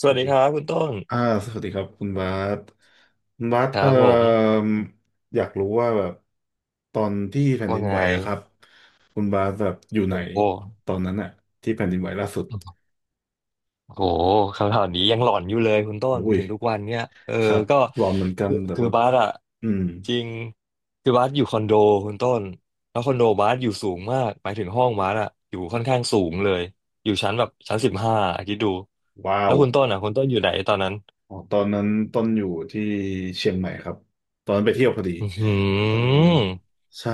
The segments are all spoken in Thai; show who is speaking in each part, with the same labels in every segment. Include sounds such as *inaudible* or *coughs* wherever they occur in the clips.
Speaker 1: ส
Speaker 2: ส
Speaker 1: วัส
Speaker 2: วัส
Speaker 1: ดี
Speaker 2: ดี
Speaker 1: ครับคุณต้น
Speaker 2: อ่าสวัสดีครับคุณบาสคุณบาส
Speaker 1: ครับผม
Speaker 2: อยากรู้ว่าแบบตอนที่แผ่น
Speaker 1: ว่า
Speaker 2: ดิน
Speaker 1: ไง
Speaker 2: ไหวอะครับ คุณบาสแบบอยู่ไหน
Speaker 1: โอ้โห
Speaker 2: ตอนนั้นอะที่แผ่นดินไหวล่าสุด
Speaker 1: โอ้โหคำถามนี้ยังหลอนอยู่เลยคุณต้น
Speaker 2: อุ้ย
Speaker 1: ถึงทุกวันเนี่ยเออ
Speaker 2: ครับ
Speaker 1: ก็
Speaker 2: หลอนเหมือนกัน
Speaker 1: คือ
Speaker 2: แต่
Speaker 1: คือ
Speaker 2: แบบ
Speaker 1: บาสอะ
Speaker 2: อืม
Speaker 1: จริงคือบาสอยู่คอนโดคุณต้นแล้วคอนโดบาสอยู่สูงมากหมายถึงห้องบาสอะอยู่ค่อนข้างสูงเลยอยู่ชั้นแบบชั้นสิบห้าคิดดู
Speaker 2: ว้า
Speaker 1: แล้
Speaker 2: ว
Speaker 1: วคุณต้นอะคุณต้นอยู่ไหนตอนนั้น
Speaker 2: อ๋อตอนนั้นต้นอยู่ที่เชียงใหม่ครับตอนนั้นไปเที่ยวพอดี
Speaker 1: อือหื
Speaker 2: เออ
Speaker 1: อ
Speaker 2: ใช่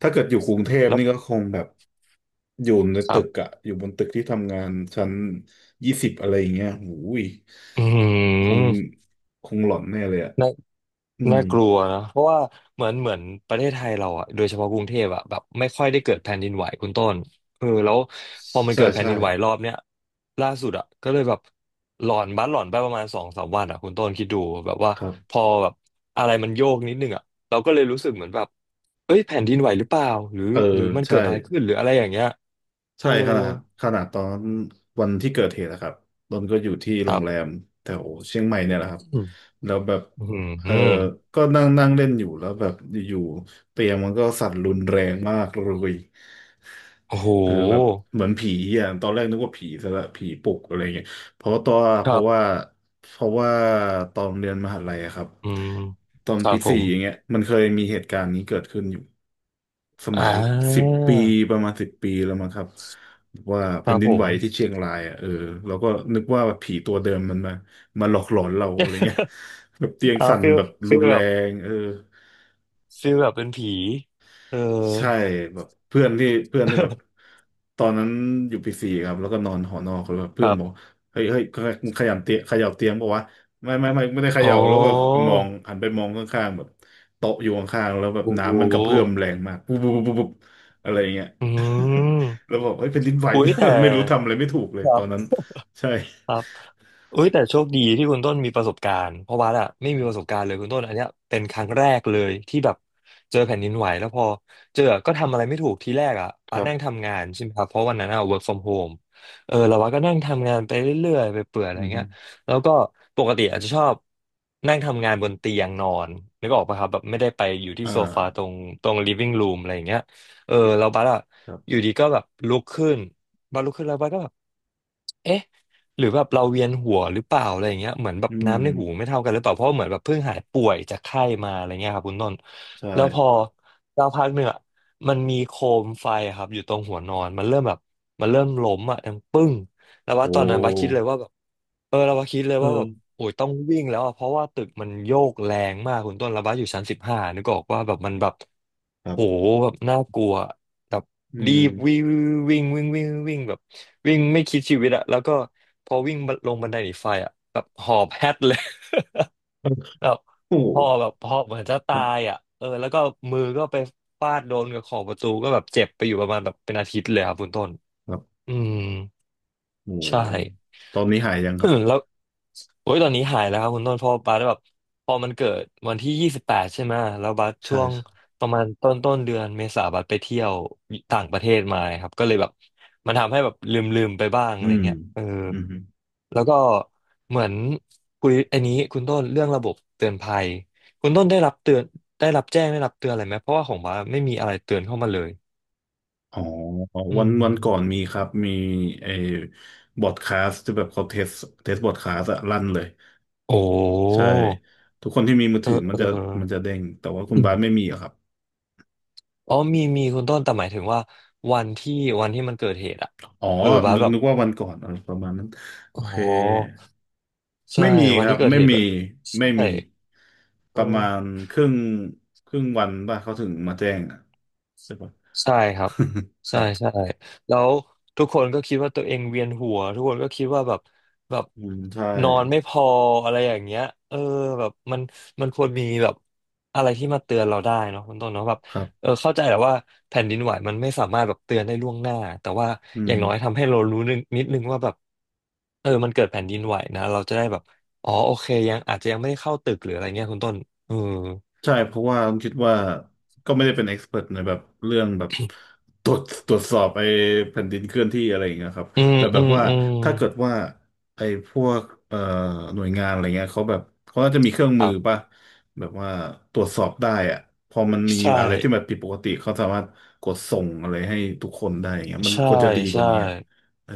Speaker 2: ถ้าเกิดอยู่กรุงเทพ
Speaker 1: แล้ว
Speaker 2: นี่ก็คงแบบอยู่ใน
Speaker 1: ค
Speaker 2: ตึ
Speaker 1: รั
Speaker 2: ก
Speaker 1: บ
Speaker 2: อะอยู่บนตึกที่ทำงานชั้นยี่สิบอะไรอย่างเงี้ยหูย
Speaker 1: อือหื
Speaker 2: คงคงหลอนแน่เลยอะ
Speaker 1: อ
Speaker 2: อืม
Speaker 1: น่ากลัวนะเพราะว่าเหมือนประเทศไทยเราอ่ะโดยเฉพาะกรุงเทพอ่ะแบบไม่ค่อยได้เกิดแผ่นดินไหวคุณต้นเออแล้วพอมัน
Speaker 2: ใช่
Speaker 1: เกิดแผ่น
Speaker 2: ใช่
Speaker 1: ดินไหวรอบเนี้ยล่าสุดอ่ะก็เลยแบบหลอนบ้านหลอนไปประมาณสองสามวันอ่ะคุณต้นคิดดูแบบว่า
Speaker 2: ครั
Speaker 1: พ
Speaker 2: บ
Speaker 1: อแบบอะไรมันโยกนิดนึงอ่ะเราก็เลยรู้สึกเหมือนแบบเอ้ยแผ่นดินไหวหรือเปล่าหรือ
Speaker 2: เออ
Speaker 1: หรือมัน
Speaker 2: ใช่
Speaker 1: เกิดอะไรขึ้นหรืออะไรอย่างเงี้ยเอ
Speaker 2: ใช่
Speaker 1: อ
Speaker 2: ขนาดขนาดตอนวันที่เกิดเหตุนะครับนนท์ก็อยู่ที่
Speaker 1: ค
Speaker 2: โร
Speaker 1: รั
Speaker 2: งแร
Speaker 1: บ
Speaker 2: มแถวเชียงใหม่เนี่ยแหละครับ
Speaker 1: อืม
Speaker 2: แล้วแบบ
Speaker 1: อื
Speaker 2: เออ
Speaker 1: ม
Speaker 2: ก็นั่งนั่งเล่นอยู่แล้วแบบอยู่ๆเตียงมันก็สั่นรุนแรงมากเลย
Speaker 1: โอ้โห
Speaker 2: เออแบบเหมือนผีอ่ะตอนแรกนึกว่าผีซะละผีปลุกอะไรเงี้ยเพราะตัว
Speaker 1: ค
Speaker 2: เพ
Speaker 1: รั
Speaker 2: ราะ
Speaker 1: บ
Speaker 2: ว่าเพราะว่าตอนเรียนมหาลัยอะครับ
Speaker 1: อืม
Speaker 2: ตอน
Speaker 1: ครั
Speaker 2: ปี
Speaker 1: บผ
Speaker 2: สี่
Speaker 1: ม
Speaker 2: อย่างเงี้ยมันเคยมีเหตุการณ์นี้เกิดขึ้นอยู่ส
Speaker 1: อ่
Speaker 2: มัยสิบ
Speaker 1: า
Speaker 2: ปีประมาณสิบปีแล้วมั้งครับว่า
Speaker 1: ค
Speaker 2: แผ่น
Speaker 1: รับ
Speaker 2: ดิน
Speaker 1: ผ
Speaker 2: ไหว
Speaker 1: ม
Speaker 2: ที่เชียงรายอ่ะเออเราก็นึกว่าผีตัวเดิมมันมามาหลอกหลอนเราอะ
Speaker 1: *laughs*
Speaker 2: ไรเงี้ยแบบเตียง
Speaker 1: เออ
Speaker 2: สั่น
Speaker 1: ฟิล
Speaker 2: แบบ
Speaker 1: ฟิ
Speaker 2: รุ
Speaker 1: ล
Speaker 2: นแร
Speaker 1: แบบ
Speaker 2: งเออ
Speaker 1: ฟิลแบบเป็นผีเออ
Speaker 2: ใช่แบบเพื่อนที่แบบ
Speaker 1: *laughs*
Speaker 2: ตอนนั้นอยู่ปีสี่ครับแล้วก็นอนหอนอกแล้วแบบ
Speaker 1: ค
Speaker 2: เพื่อน
Speaker 1: รั
Speaker 2: บอก
Speaker 1: บ
Speaker 2: เฮ้ยเฮ้ยมึงขยับเตียงขยับเตียงบอกว่าไม่ได้เข
Speaker 1: อ๋
Speaker 2: ย่า
Speaker 1: อ
Speaker 2: แล้วก็ไปมองหันไปมองข้างๆแบบโต๊ะอยู่ข้างๆแล้วแบบ
Speaker 1: โอ้โห
Speaker 2: น้ำมันกระเพื่อมแรงมากปุ๊บปุ๊บปุ๊บปุ๊บอะไรอย่างเงี้ย
Speaker 1: อื
Speaker 2: *laughs* แล้
Speaker 1: ม
Speaker 2: วบอกเฮ้ยเป็นดินไหว
Speaker 1: อุ้ยแต่
Speaker 2: *laughs* ไม่รู้ทำอะไรไม่ถูกเลย
Speaker 1: ครั
Speaker 2: ตอนนั้น
Speaker 1: บ
Speaker 2: ใช่
Speaker 1: ครับเอ้ยแต่โชคดีที่คุณต้นมีประสบการณ์เพราะว่าอะไม่มีประสบการณ์เลยคุณต้นอันเนี้ยเป็นครั้งแรกเลยที่แบบเจอแผ่นดินไหวแล้วพอเจอก็ทำอะไรไม่ถูกทีแรกอ่ะ
Speaker 2: ค
Speaker 1: อะ
Speaker 2: รั
Speaker 1: นั่ง
Speaker 2: บ
Speaker 1: ทำงานใช่ไหมครับเพราะวันนั้นอ่ะ work from home เออแล้วว่าก็นั่งทำงานไปเรื่อยๆไปเปื่อยอะไร
Speaker 2: อือฮึ
Speaker 1: เงี้ยแล้วก็ปกติอาจจะชอบนั่งทำงานบนเตียงนอนนึกออกปะครับแบบไม่ได้ไปอยู่ที่
Speaker 2: อ่
Speaker 1: โซฟาตร
Speaker 2: า
Speaker 1: งตรง living room อะไรอย่างเงี้ยเออแล้วบัสอะ
Speaker 2: ครั
Speaker 1: อ
Speaker 2: บ
Speaker 1: ยู่ดีก็แบบลุกขึ้นบัสลุกขึ้นแล้วบัสก็แบบ เอ๊ะหรือแบบเราเวียนหัวหรือเปล่าอะไรอย่างเงี้ยเหมือนแบบ
Speaker 2: อื
Speaker 1: น้ำ
Speaker 2: ม
Speaker 1: ในหูไม่เท่ากันหรือเปล่าเพราะเหมือนแบบเพิ่งหายป่วยจากไข้มาอะไรเงี้ยครับคุณต้น
Speaker 2: ใช่
Speaker 1: แล้วพอสักพักหนึ่งอะมันมีโคมไฟอะครับอยู่ตรงหัวนอนมันเริ่มแบบมันเริ่มล้มอ่ะดังปึ้งแล้ว
Speaker 2: โอ
Speaker 1: ว่าตอนนั้นบาสคิดเลย
Speaker 2: ้
Speaker 1: ว่าแบบเออเราว่าคิดเลย
Speaker 2: เอ
Speaker 1: ว่าแบบ
Speaker 2: อ
Speaker 1: โอ้ยต้องวิ่งแล้วอะเพราะว่าตึกมันโยกแรงมากคุณต้นแล้วบาสอยู่ชั้นสิบห้านึกออกว่าแบบมันแบบ
Speaker 2: ครั
Speaker 1: โห
Speaker 2: บ
Speaker 1: แบบน่ากลัว แบบ
Speaker 2: อื
Speaker 1: รี
Speaker 2: ม
Speaker 1: บวิ่งวิ่งวิ่งวิ่งวิ่งแบบวิ่งไม่คิดชีวิตอะแล้วก็พอวิ่งลงบันไดหนีไฟอะแบบหอบแฮดเลย *laughs* แบบ
Speaker 2: โอ้
Speaker 1: พอแบบพอเหมือนจะ
Speaker 2: ค
Speaker 1: ตา
Speaker 2: รั
Speaker 1: ย
Speaker 2: บ
Speaker 1: อะเออแล้วก็มือก็ไปฟาดโดนกับขอบประตูก็แบบเจ็บไปอยู่ประมาณแบบเป็นอาทิตย์เลยครับคุณต้น
Speaker 2: ครับ
Speaker 1: อืม
Speaker 2: โอ้โห
Speaker 1: ใช่
Speaker 2: ตอนนี้หายยัง
Speaker 1: *coughs*
Speaker 2: ค
Speaker 1: อื
Speaker 2: รับ
Speaker 1: มแล้วโอ้ยตอนนี้หายแล้วครับคุณต้นเพอบาสแบบพอมันเกิดวันที่28ใช่ไหมแล้วบาสช่
Speaker 2: ใช่
Speaker 1: วง
Speaker 2: ใช่
Speaker 1: ประมาณต้นเดือนเมษาบาสไปเที่ยวต่างประเทศมาครับก็เลยแบบมันทำให้แบบลืมไปบ้าง
Speaker 2: อื
Speaker 1: อะไร
Speaker 2: ม
Speaker 1: เงี้ยเออ
Speaker 2: อืม
Speaker 1: แล้วก็เหมือนคุยอันนี้คุณต้นเรื่องระบบเตือนภัยคุณต้นได้รับเตือนได้รับแจ้งได้รับเตือนอะไรไหมเพราะว่าของบาสไม่มีอะไรเตือนเข้ามาเลย
Speaker 2: อ๋อ
Speaker 1: อื
Speaker 2: วันก่อน
Speaker 1: ม
Speaker 2: มีครับมีไอ้บอร์ดคาสที่แบบเขาเทสบอร์ดคาสอะลั่นเลย
Speaker 1: โอ
Speaker 2: ใช่
Speaker 1: ้
Speaker 2: ทุกคนที่มีมือ
Speaker 1: เออ
Speaker 2: ถือมั
Speaker 1: เ
Speaker 2: นจะ
Speaker 1: อ
Speaker 2: เด้งแต่ว่าคุณบาส
Speaker 1: อ
Speaker 2: ไม่มีอะครับ
Speaker 1: อ๋อมีคุณต้นแต่หมายถึงว่าวันที่วันที่มันเกิดเหตุอะ
Speaker 2: อ๋อ
Speaker 1: เออบาส
Speaker 2: นึก
Speaker 1: แบบ
Speaker 2: นึกว่าวันก่อนอะไรประมาณนั้นโอ
Speaker 1: อ๋
Speaker 2: เค
Speaker 1: อใช่
Speaker 2: ไม่มี
Speaker 1: วัน
Speaker 2: ครับ
Speaker 1: ที่เกิด
Speaker 2: ไม่
Speaker 1: เหตุ
Speaker 2: มี
Speaker 1: แบบใช
Speaker 2: ไม่
Speaker 1: ่
Speaker 2: มีป
Speaker 1: เออ
Speaker 2: ระมาณครึ่งครึ่งวันป่ะเขาถึงมาแจ้งอะใช่ปะ
Speaker 1: ใช่ครับใช่
Speaker 2: *laughs*
Speaker 1: ใช่แล้วทุกคนก็คิดว่าตัวเองเวียนหัวทุกคนก็คิดว่าแบบแบบ
Speaker 2: อืมใช่
Speaker 1: นอนไม่พออะไรอย่างเงี้ยเออแบบมันมันควรมีแบบอะไรที่มาเตือนเราได้เนาะคุณต้นเนาะแบบ
Speaker 2: ครั
Speaker 1: เอ
Speaker 2: บ
Speaker 1: อเข้าใจแหละว่าแผ่นดินไหวมันไม่สามารถแบบเตือนได้ล่วงหน้าแต่ว่า
Speaker 2: อื
Speaker 1: อย่า
Speaker 2: ม
Speaker 1: งน้อยทำให้เรารู้นิดนึงว่าแบบเออมันเกิดแผ่นดินไหวนะเราจะได้แบบอ๋อโอเคยังอาจจะยังไม่ได้เข้าตึกหรืออะไรเงี้ยคุณต้นเออ
Speaker 2: ใช่เพราะว่าผมคิดว่าก็ไม่ได้เป็นเอ็กซ์เพรในแบบเรื่องแบบตรวจตรวจสอบไอ้แผ่นดินเคลื่อนที่อะไรอย่างเงี้ยครับ
Speaker 1: อืม
Speaker 2: แต่แบ
Speaker 1: อื
Speaker 2: บ
Speaker 1: ม
Speaker 2: ว่า
Speaker 1: อืม
Speaker 2: ถ้าเกิดว่าไอ้พวกเอ่อหน่วยงานอะไรเงี้ยเขาแบบเขาน่าจะมีเครื่อง
Speaker 1: ค
Speaker 2: มื
Speaker 1: รั
Speaker 2: อป่ะ
Speaker 1: บ
Speaker 2: แบบว่าตรวจสอบได้อะพอมันมี
Speaker 1: ใช่
Speaker 2: อะไรที่มันผิดปกติเขาสามารถกดส่งอะไรให้ทุกคนได้อย่างเงี้ยมัน
Speaker 1: ใช่
Speaker 2: ควรจะดีกว่า
Speaker 1: ใช่
Speaker 2: นี้อะเออ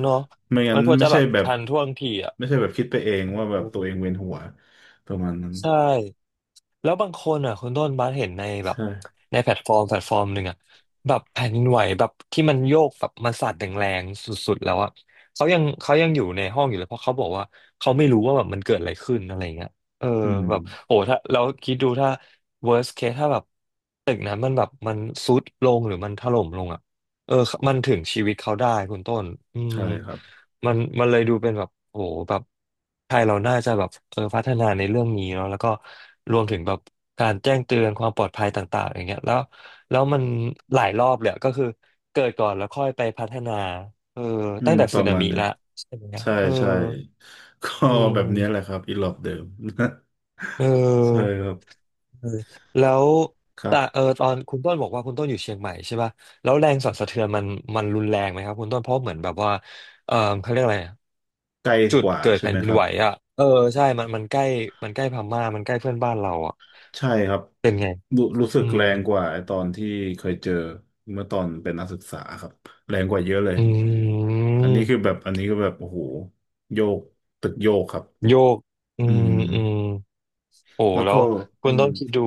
Speaker 1: เนาะ
Speaker 2: ไม่งั้
Speaker 1: มั
Speaker 2: น
Speaker 1: นควรจะแบบทันท่วงทีอ่ะ
Speaker 2: ไม่ใช่แบบคิดไปเอง
Speaker 1: อ
Speaker 2: ว่าแบบตัว
Speaker 1: ื
Speaker 2: เอง
Speaker 1: ม
Speaker 2: เวียนหัวประมาณนั้น
Speaker 1: ใช่แล้วบางคนอ่ะคุณต้นบัสเห็นในแบบ
Speaker 2: ใช่
Speaker 1: ในแพลตฟอร์มหนึ่งอ่ะแบบแผ่นดินไหวแบบที่มันโยกแบบมันสั่นแรงๆสุดๆแล้วอ่ะเขายังเขายังอยู่ในห้องอยู่เลยเพราะเขาบอกว่าเขาไม่รู้ว่าแบบมันเกิดอะไรขึ้นอะไรเงี้ยเออ
Speaker 2: อืม
Speaker 1: แบบโหถ้าเราคิดดูถ้า worst case ถ้าแบบตึกนั้นมันแบบมันทรุดลงหรือมันถล่มลงอ่ะเออมันถึงชีวิตเขาได้คุณต้นอืม
Speaker 2: ใช่ครับ
Speaker 1: มันเลยดูเป็นแบบโอ้โหแบบไทยเราน่าจะแบบพัฒนาในเรื่องนี้เนาะแล้วก็รวมถึงแบบการแจ้งเตือนความปลอดภัยต่างๆอย่างเงี้ยแล้วมันหลายรอบเลยอะก็คือเกิดก่อนแล้วค่อยไปพัฒนาเออ
Speaker 2: อื
Speaker 1: ตั้
Speaker 2: ม
Speaker 1: งแต่
Speaker 2: ป
Speaker 1: สึ
Speaker 2: ระ
Speaker 1: นา
Speaker 2: มาณ
Speaker 1: มิ
Speaker 2: เนี้ย
Speaker 1: ละใช่ไหม
Speaker 2: ใช่
Speaker 1: เออ
Speaker 2: ใช่ก็
Speaker 1: อื
Speaker 2: แบบเนี้ยแหละ
Speaker 1: ม
Speaker 2: ครับอีหลอบเดิม
Speaker 1: เ
Speaker 2: *laughs* ใช่
Speaker 1: ออ
Speaker 2: ครับ
Speaker 1: เออแล้ว
Speaker 2: ครั
Speaker 1: แต่
Speaker 2: บ
Speaker 1: ตอนคุณต้นบอกว่าคุณต้นอยู่เชียงใหม่ใช่ป่ะแล้วแรงสั่นสะเทือนมันรุนแรงไหมครับคุณต้นเพราะเหมือนแบบว่าเออเขาเรียกอะไร
Speaker 2: ไกล
Speaker 1: จุ
Speaker 2: ก
Speaker 1: ด
Speaker 2: ว่า
Speaker 1: เกิด
Speaker 2: ใช่
Speaker 1: แผ่
Speaker 2: ไหม
Speaker 1: นดิ
Speaker 2: ค
Speaker 1: น
Speaker 2: รับ
Speaker 1: ไหวอ่ะเออใช่มันใกล้มันใกล้พม่ามันใกล้เพื่อนบ้านเราอ่ะ
Speaker 2: ใช่ครับ
Speaker 1: เป็นไง
Speaker 2: รู้สึก
Speaker 1: อื
Speaker 2: แร
Speaker 1: ม
Speaker 2: งกว่าไอตอนที่เคยเจอเมื่อตอนเป็นนักศึกษาครับแรงกว่าเยอะเลย
Speaker 1: อื
Speaker 2: อันนี้
Speaker 1: ม
Speaker 2: คือแบบอันนี้ก็แบบโอ้โหโยกตึกโยกครับ
Speaker 1: โยกอื
Speaker 2: อืม
Speaker 1: มอืมโอ้
Speaker 2: แล้ว
Speaker 1: แล้
Speaker 2: ก็
Speaker 1: วคุ
Speaker 2: อื
Speaker 1: ณ
Speaker 2: ม
Speaker 1: ต้องคิดดู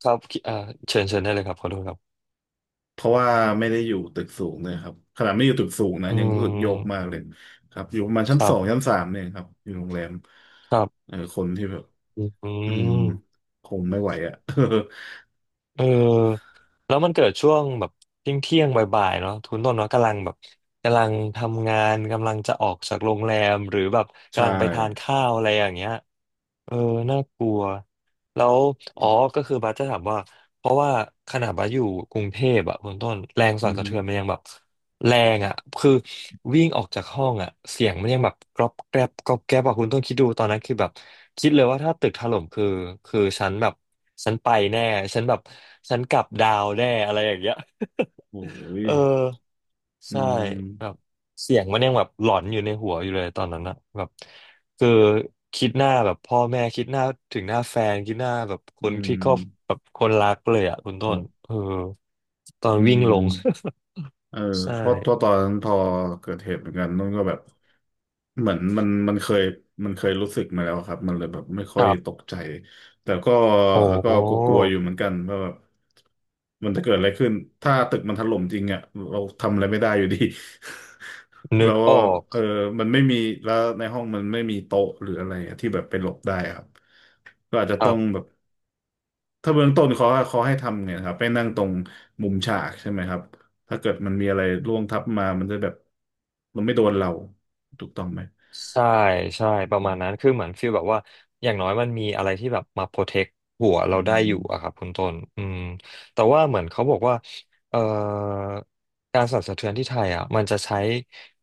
Speaker 1: ครับคิดเชิญเชิญได้เลยครับขอโทษครับ
Speaker 2: เพราะว่าไม่ได้อยู่ตึกสูงเลยครับขนาดไม่อยู่ตึกสูงนะ
Speaker 1: อื
Speaker 2: ยังรู้สึกโยกมา
Speaker 1: ม
Speaker 2: กเลยครับอยู่ประมาณชั้น
Speaker 1: ครั
Speaker 2: สองชั้
Speaker 1: บ
Speaker 2: นสามเนี่ยครับอยู่โรงแรม
Speaker 1: ครับ
Speaker 2: เออคนที่แบบ
Speaker 1: อื
Speaker 2: อืม
Speaker 1: ม
Speaker 2: คงไม่ไหวอ่ะ
Speaker 1: เออแล้วมันเกิดช่วงแบบเที่ยงเที่ยงบ่ายๆเนาะทุนต้นเนาะกำลังแบบกำลังทำงานกำลังจะออกจากโรงแรมหรือแบบ
Speaker 2: *laughs* ใช่
Speaker 1: กำลังไปทานข้าวอะไรอย่างเงี้ย เออ น่ากลัวแล้วอ๋อก็คือบัสจะถามว่า เพราะว่าขนาดบัสอยู่กรุงเทพอะคุณต้นแรง
Speaker 2: อื
Speaker 1: สั่น
Speaker 2: ม
Speaker 1: สะเทือนมันยังแบบแรงอะคือวิ่งออกจากห้องอะเสียงมันยังแบบกรอบแกรบกรอบแกรบอะคุณต้นคิดดูตอนนั้นคือแบบคิดเลยว่าถ้าตึกถล่มคือคือฉันแบบฉันไปแน่ฉันแบบฉันกลับดาวแน่อะไรอย่างเงี้ย
Speaker 2: โอ้
Speaker 1: *laughs*
Speaker 2: ย
Speaker 1: เออ
Speaker 2: อื
Speaker 1: ใช่
Speaker 2: ม
Speaker 1: แบบเสียงมันยังแบบหลอนอยู่ในหัวอยู่เลยตอนนั้นอะแบบ คือคิดหน้าแบบพ่อแม่คิดหน้าถึงหน้าแฟนคิดหน้าแบบค
Speaker 2: อื
Speaker 1: นที่
Speaker 2: ม
Speaker 1: ครอบแบบคนรักเลยอ่ะคุณ
Speaker 2: ค
Speaker 1: ต้
Speaker 2: รั
Speaker 1: น
Speaker 2: บ
Speaker 1: เออตอน
Speaker 2: อื
Speaker 1: วิ่ง
Speaker 2: ม
Speaker 1: ลง
Speaker 2: เออ
Speaker 1: *laughs* ใช่
Speaker 2: เพราะตัวตอนนั้นพอเกิดเหตุเหมือนกันนุ่นก็แบบเหมือนมันเคยมันเคยรู้สึกมาแล้วครับมันเลยแบบไม่ค่อ
Speaker 1: ค
Speaker 2: ย
Speaker 1: รั
Speaker 2: ตก
Speaker 1: บ
Speaker 2: ใจแต่ก็
Speaker 1: โอ้
Speaker 2: แล้วก็กลัวๆอยู่เหมือนกันว่าแบบมันจะเกิดอะไรขึ้นถ้าตึกมันถล่มจริงอ่ะเราทำอะไรไม่ได้อยู่ดี *laughs*
Speaker 1: นึ
Speaker 2: แล้
Speaker 1: ก
Speaker 2: ว
Speaker 1: ออก
Speaker 2: เออมันไม่มีแล้วในห้องมันไม่มีโต๊ะหรืออะไรอะที่แบบไปหลบได้ครับก็อาจจะ
Speaker 1: ค
Speaker 2: ต้
Speaker 1: รั
Speaker 2: อง
Speaker 1: บ
Speaker 2: แบบ ถ้าเบื้องต้นเขาให้ทำเนี่ยนะครับไปนั่งตรงมุมฉากใช่ไหมครับถ้าเกิดมันมีอะไรร่วงทับมา มันจะแบบมันไม่โดนเราถูกต้องไหม
Speaker 1: ใช่ใช่
Speaker 2: อื
Speaker 1: ประ
Speaker 2: ม
Speaker 1: มาณนั้นคือเหมือนฟีลแบบว่าอย่างน้อยมันมีอะไรที่แบบมาโปรเทคหัว
Speaker 2: อื
Speaker 1: เราได้อ
Speaker 2: ม
Speaker 1: ยู่อะครับคุณต้นอืมแต่ว่าเหมือนเขาบอกว่าเอ่อการสั่นสะเทือนที่ไทยอ่ะมันจะใช้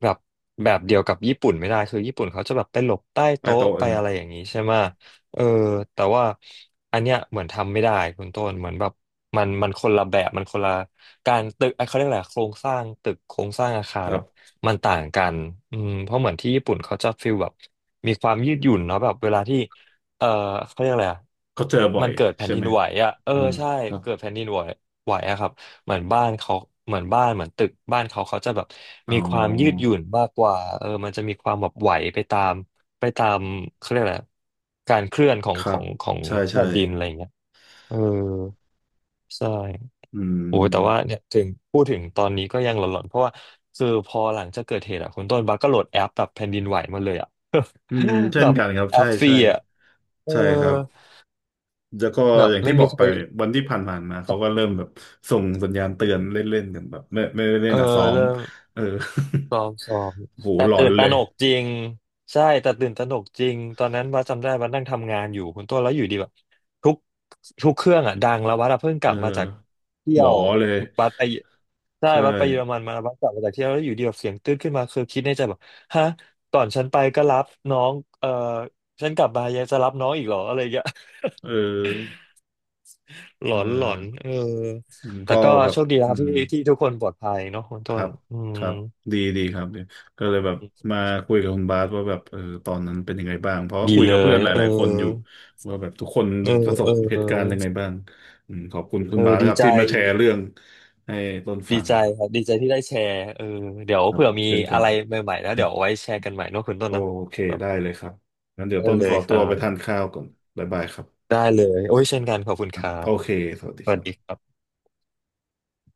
Speaker 1: แบบแบบเดียวกับญี่ปุ่นไม่ได้คือญี่ปุ่นเขาจะแบบไปหลบใต้
Speaker 2: ใต้
Speaker 1: โต๊ะ
Speaker 2: โต๊ะ
Speaker 1: ไป
Speaker 2: นะครับ
Speaker 1: อะไรอย่างนี้ใช่ไหมเออแต่ว่าอันเนี้ยเหมือนทำไม่ได้คุณต้นเหมือนแบบมันคนละแบบมันคนละการตึกเอ้ยเขาเรียกอะไรอะโครงสร้างตึกโครงสร้างอาคา
Speaker 2: ค
Speaker 1: ร
Speaker 2: รับ
Speaker 1: อ่ะ มันต่างกันอืมเพราะเหมือนที่ญี่ปุ่นเขาจะฟีลแบบมีความยืดหยุ่นเนาะแบบเวลาที่เออเขาเรียกอะไรอะ
Speaker 2: เขาเจอบ่อ
Speaker 1: มั
Speaker 2: ย
Speaker 1: นเกิดแผ่น
Speaker 2: ใช่
Speaker 1: ดิ
Speaker 2: ไห
Speaker 1: น
Speaker 2: ม
Speaker 1: ไหวอ่ะเออ
Speaker 2: เออ
Speaker 1: ใช่
Speaker 2: ครับ
Speaker 1: เกิดแผ่นดินไหวไหวอะครับเหมือนบ้านเขาเหมือนบ้านเหมือนตึกบ้านเขาเขาจะแบบ
Speaker 2: อ๋
Speaker 1: มีความยืด
Speaker 2: อ
Speaker 1: หยุ่นมากกว่ามันจะมีความแบบไหวไปตามไปตามเขาเรียกอะไรอะการเคลื่อนขอ
Speaker 2: ค
Speaker 1: งข
Speaker 2: รั
Speaker 1: อ
Speaker 2: บ
Speaker 1: งของ
Speaker 2: ใช่ใช่
Speaker 1: แผ่นดินอะไรอย่างเงี้ยเออใช่
Speaker 2: อื
Speaker 1: โอ้ยแต่ว่า
Speaker 2: ม
Speaker 1: เนี่ยถึงพูดถึงตอนนี้ก็ยังหลอนๆเพราะว่าคือพอหลังจากเกิดเหตุอ่ะคุณต้นบัสก็โหลดแอปแบบแผ่นดินไหวมาเลยอ่ะ
Speaker 2: อืม
Speaker 1: *laughs*
Speaker 2: เช่
Speaker 1: แบ
Speaker 2: น
Speaker 1: บ
Speaker 2: กันครับ
Speaker 1: แอ
Speaker 2: ใช่
Speaker 1: ปฟรี
Speaker 2: ใช่
Speaker 1: อ่ะเออ
Speaker 2: ใช่ครับ แล้วก็
Speaker 1: แบบ
Speaker 2: อย่าง
Speaker 1: ไม่
Speaker 2: ที่บ
Speaker 1: มี
Speaker 2: อก
Speaker 1: ใค
Speaker 2: ไป
Speaker 1: ร
Speaker 2: วันที่ผ่านๆมาเขาก็เริ่มแบบส่งสัญญาณเตือนเล่นๆกันแบบไม่ได้เล่
Speaker 1: เอ
Speaker 2: น
Speaker 1: อ
Speaker 2: อ่ะซ้อม
Speaker 1: เริ่ม
Speaker 2: เออ
Speaker 1: ซ้อมซ้อม
Speaker 2: *laughs* โห
Speaker 1: แต่
Speaker 2: หลอ
Speaker 1: ตื่
Speaker 2: น
Speaker 1: นต
Speaker 2: เล
Speaker 1: ระหน
Speaker 2: ย
Speaker 1: กจริงใช่แต่ตื่นตระหนกจริงตอนนั้นว่าจำได้ว่านั่งทำงานอยู่คุณต้นแล้วอยู่ดีแบบทุกทุกเครื่องอ่ะดังแล้ววัดอะเพิ่งก
Speaker 2: เอ
Speaker 1: ลับมาจาก
Speaker 2: อ
Speaker 1: เที่
Speaker 2: หว
Speaker 1: ย
Speaker 2: อ
Speaker 1: ว
Speaker 2: เลย
Speaker 1: วัดไปใช่
Speaker 2: ใช่
Speaker 1: วัดไปเยอรมันมาวัดกลับมาจากเที่ยวแล้วอยู่ดีแบบเสียงตื้นขึ้นมาคือคิดในใจแบบฮะก่อนฉันไปก็รับน้องเออฉันกลับมายังจะรับน้องอีกเหรออะไรอย่างเงี้ย *laughs*
Speaker 2: เออ
Speaker 1: หล
Speaker 2: เออ
Speaker 1: อนหลอนเออ
Speaker 2: อืม
Speaker 1: แต่
Speaker 2: ก็
Speaker 1: ก็
Speaker 2: แบบ
Speaker 1: โชคดีแล้
Speaker 2: อื
Speaker 1: ว
Speaker 2: ม
Speaker 1: ที่ทุกคนปลอดภัยเนาะคุณ
Speaker 2: ค
Speaker 1: ต้
Speaker 2: รั
Speaker 1: น
Speaker 2: บ
Speaker 1: อื
Speaker 2: ค
Speaker 1: ม
Speaker 2: รับดีครับดีก็เลยแบบมาคุยกับคุณบาสว่าแบบเออตอนนั้นเป็นยังไงบ้างเพราะว่า
Speaker 1: ดี
Speaker 2: คุย
Speaker 1: เล
Speaker 2: กับเพื่อ
Speaker 1: ย
Speaker 2: นห
Speaker 1: เออ
Speaker 2: ลายๆคนอยู่ว่าแบบทุกคน
Speaker 1: เอ
Speaker 2: ป
Speaker 1: อ
Speaker 2: ระส
Speaker 1: เอ
Speaker 2: บ
Speaker 1: อ
Speaker 2: เหตุการณ์ยังไงบ้างอืมขอบคุณคุ
Speaker 1: เอ
Speaker 2: ณ
Speaker 1: อ
Speaker 2: บาสนะ
Speaker 1: ดี
Speaker 2: ครับ
Speaker 1: ใจ
Speaker 2: ที่มาแชร์เรื่องให้ต้นฟั
Speaker 1: ดี
Speaker 2: ง
Speaker 1: ใจ
Speaker 2: ครับ
Speaker 1: ครับดีใจที่ได้แชร์เออเดี๋ยว
Speaker 2: ครับ
Speaker 1: เผื่อมี
Speaker 2: เช่นกั
Speaker 1: อะ
Speaker 2: น
Speaker 1: ไรใหม่ๆแล้วเดี๋ยวเอาไว้แชร์กันใหม่เนอะคุณต้น
Speaker 2: โอ
Speaker 1: เนอะ
Speaker 2: เค
Speaker 1: ครับ
Speaker 2: ได้เลยครับงั้นเดี๋ยว
Speaker 1: ได้
Speaker 2: ต้น
Speaker 1: เล
Speaker 2: ขอ
Speaker 1: ยค
Speaker 2: ตัว
Speaker 1: รั
Speaker 2: ไปทาน
Speaker 1: บ
Speaker 2: ข้าวก่อนบ๊ายบายครับ
Speaker 1: ได้เลยโอ้ยเช่นกันขอบคุณ
Speaker 2: ค
Speaker 1: ค
Speaker 2: รับ
Speaker 1: รั
Speaker 2: โอ
Speaker 1: บ
Speaker 2: เคสวัสดี
Speaker 1: ส
Speaker 2: ค
Speaker 1: วัส
Speaker 2: รั
Speaker 1: ดีค
Speaker 2: บ
Speaker 1: รับ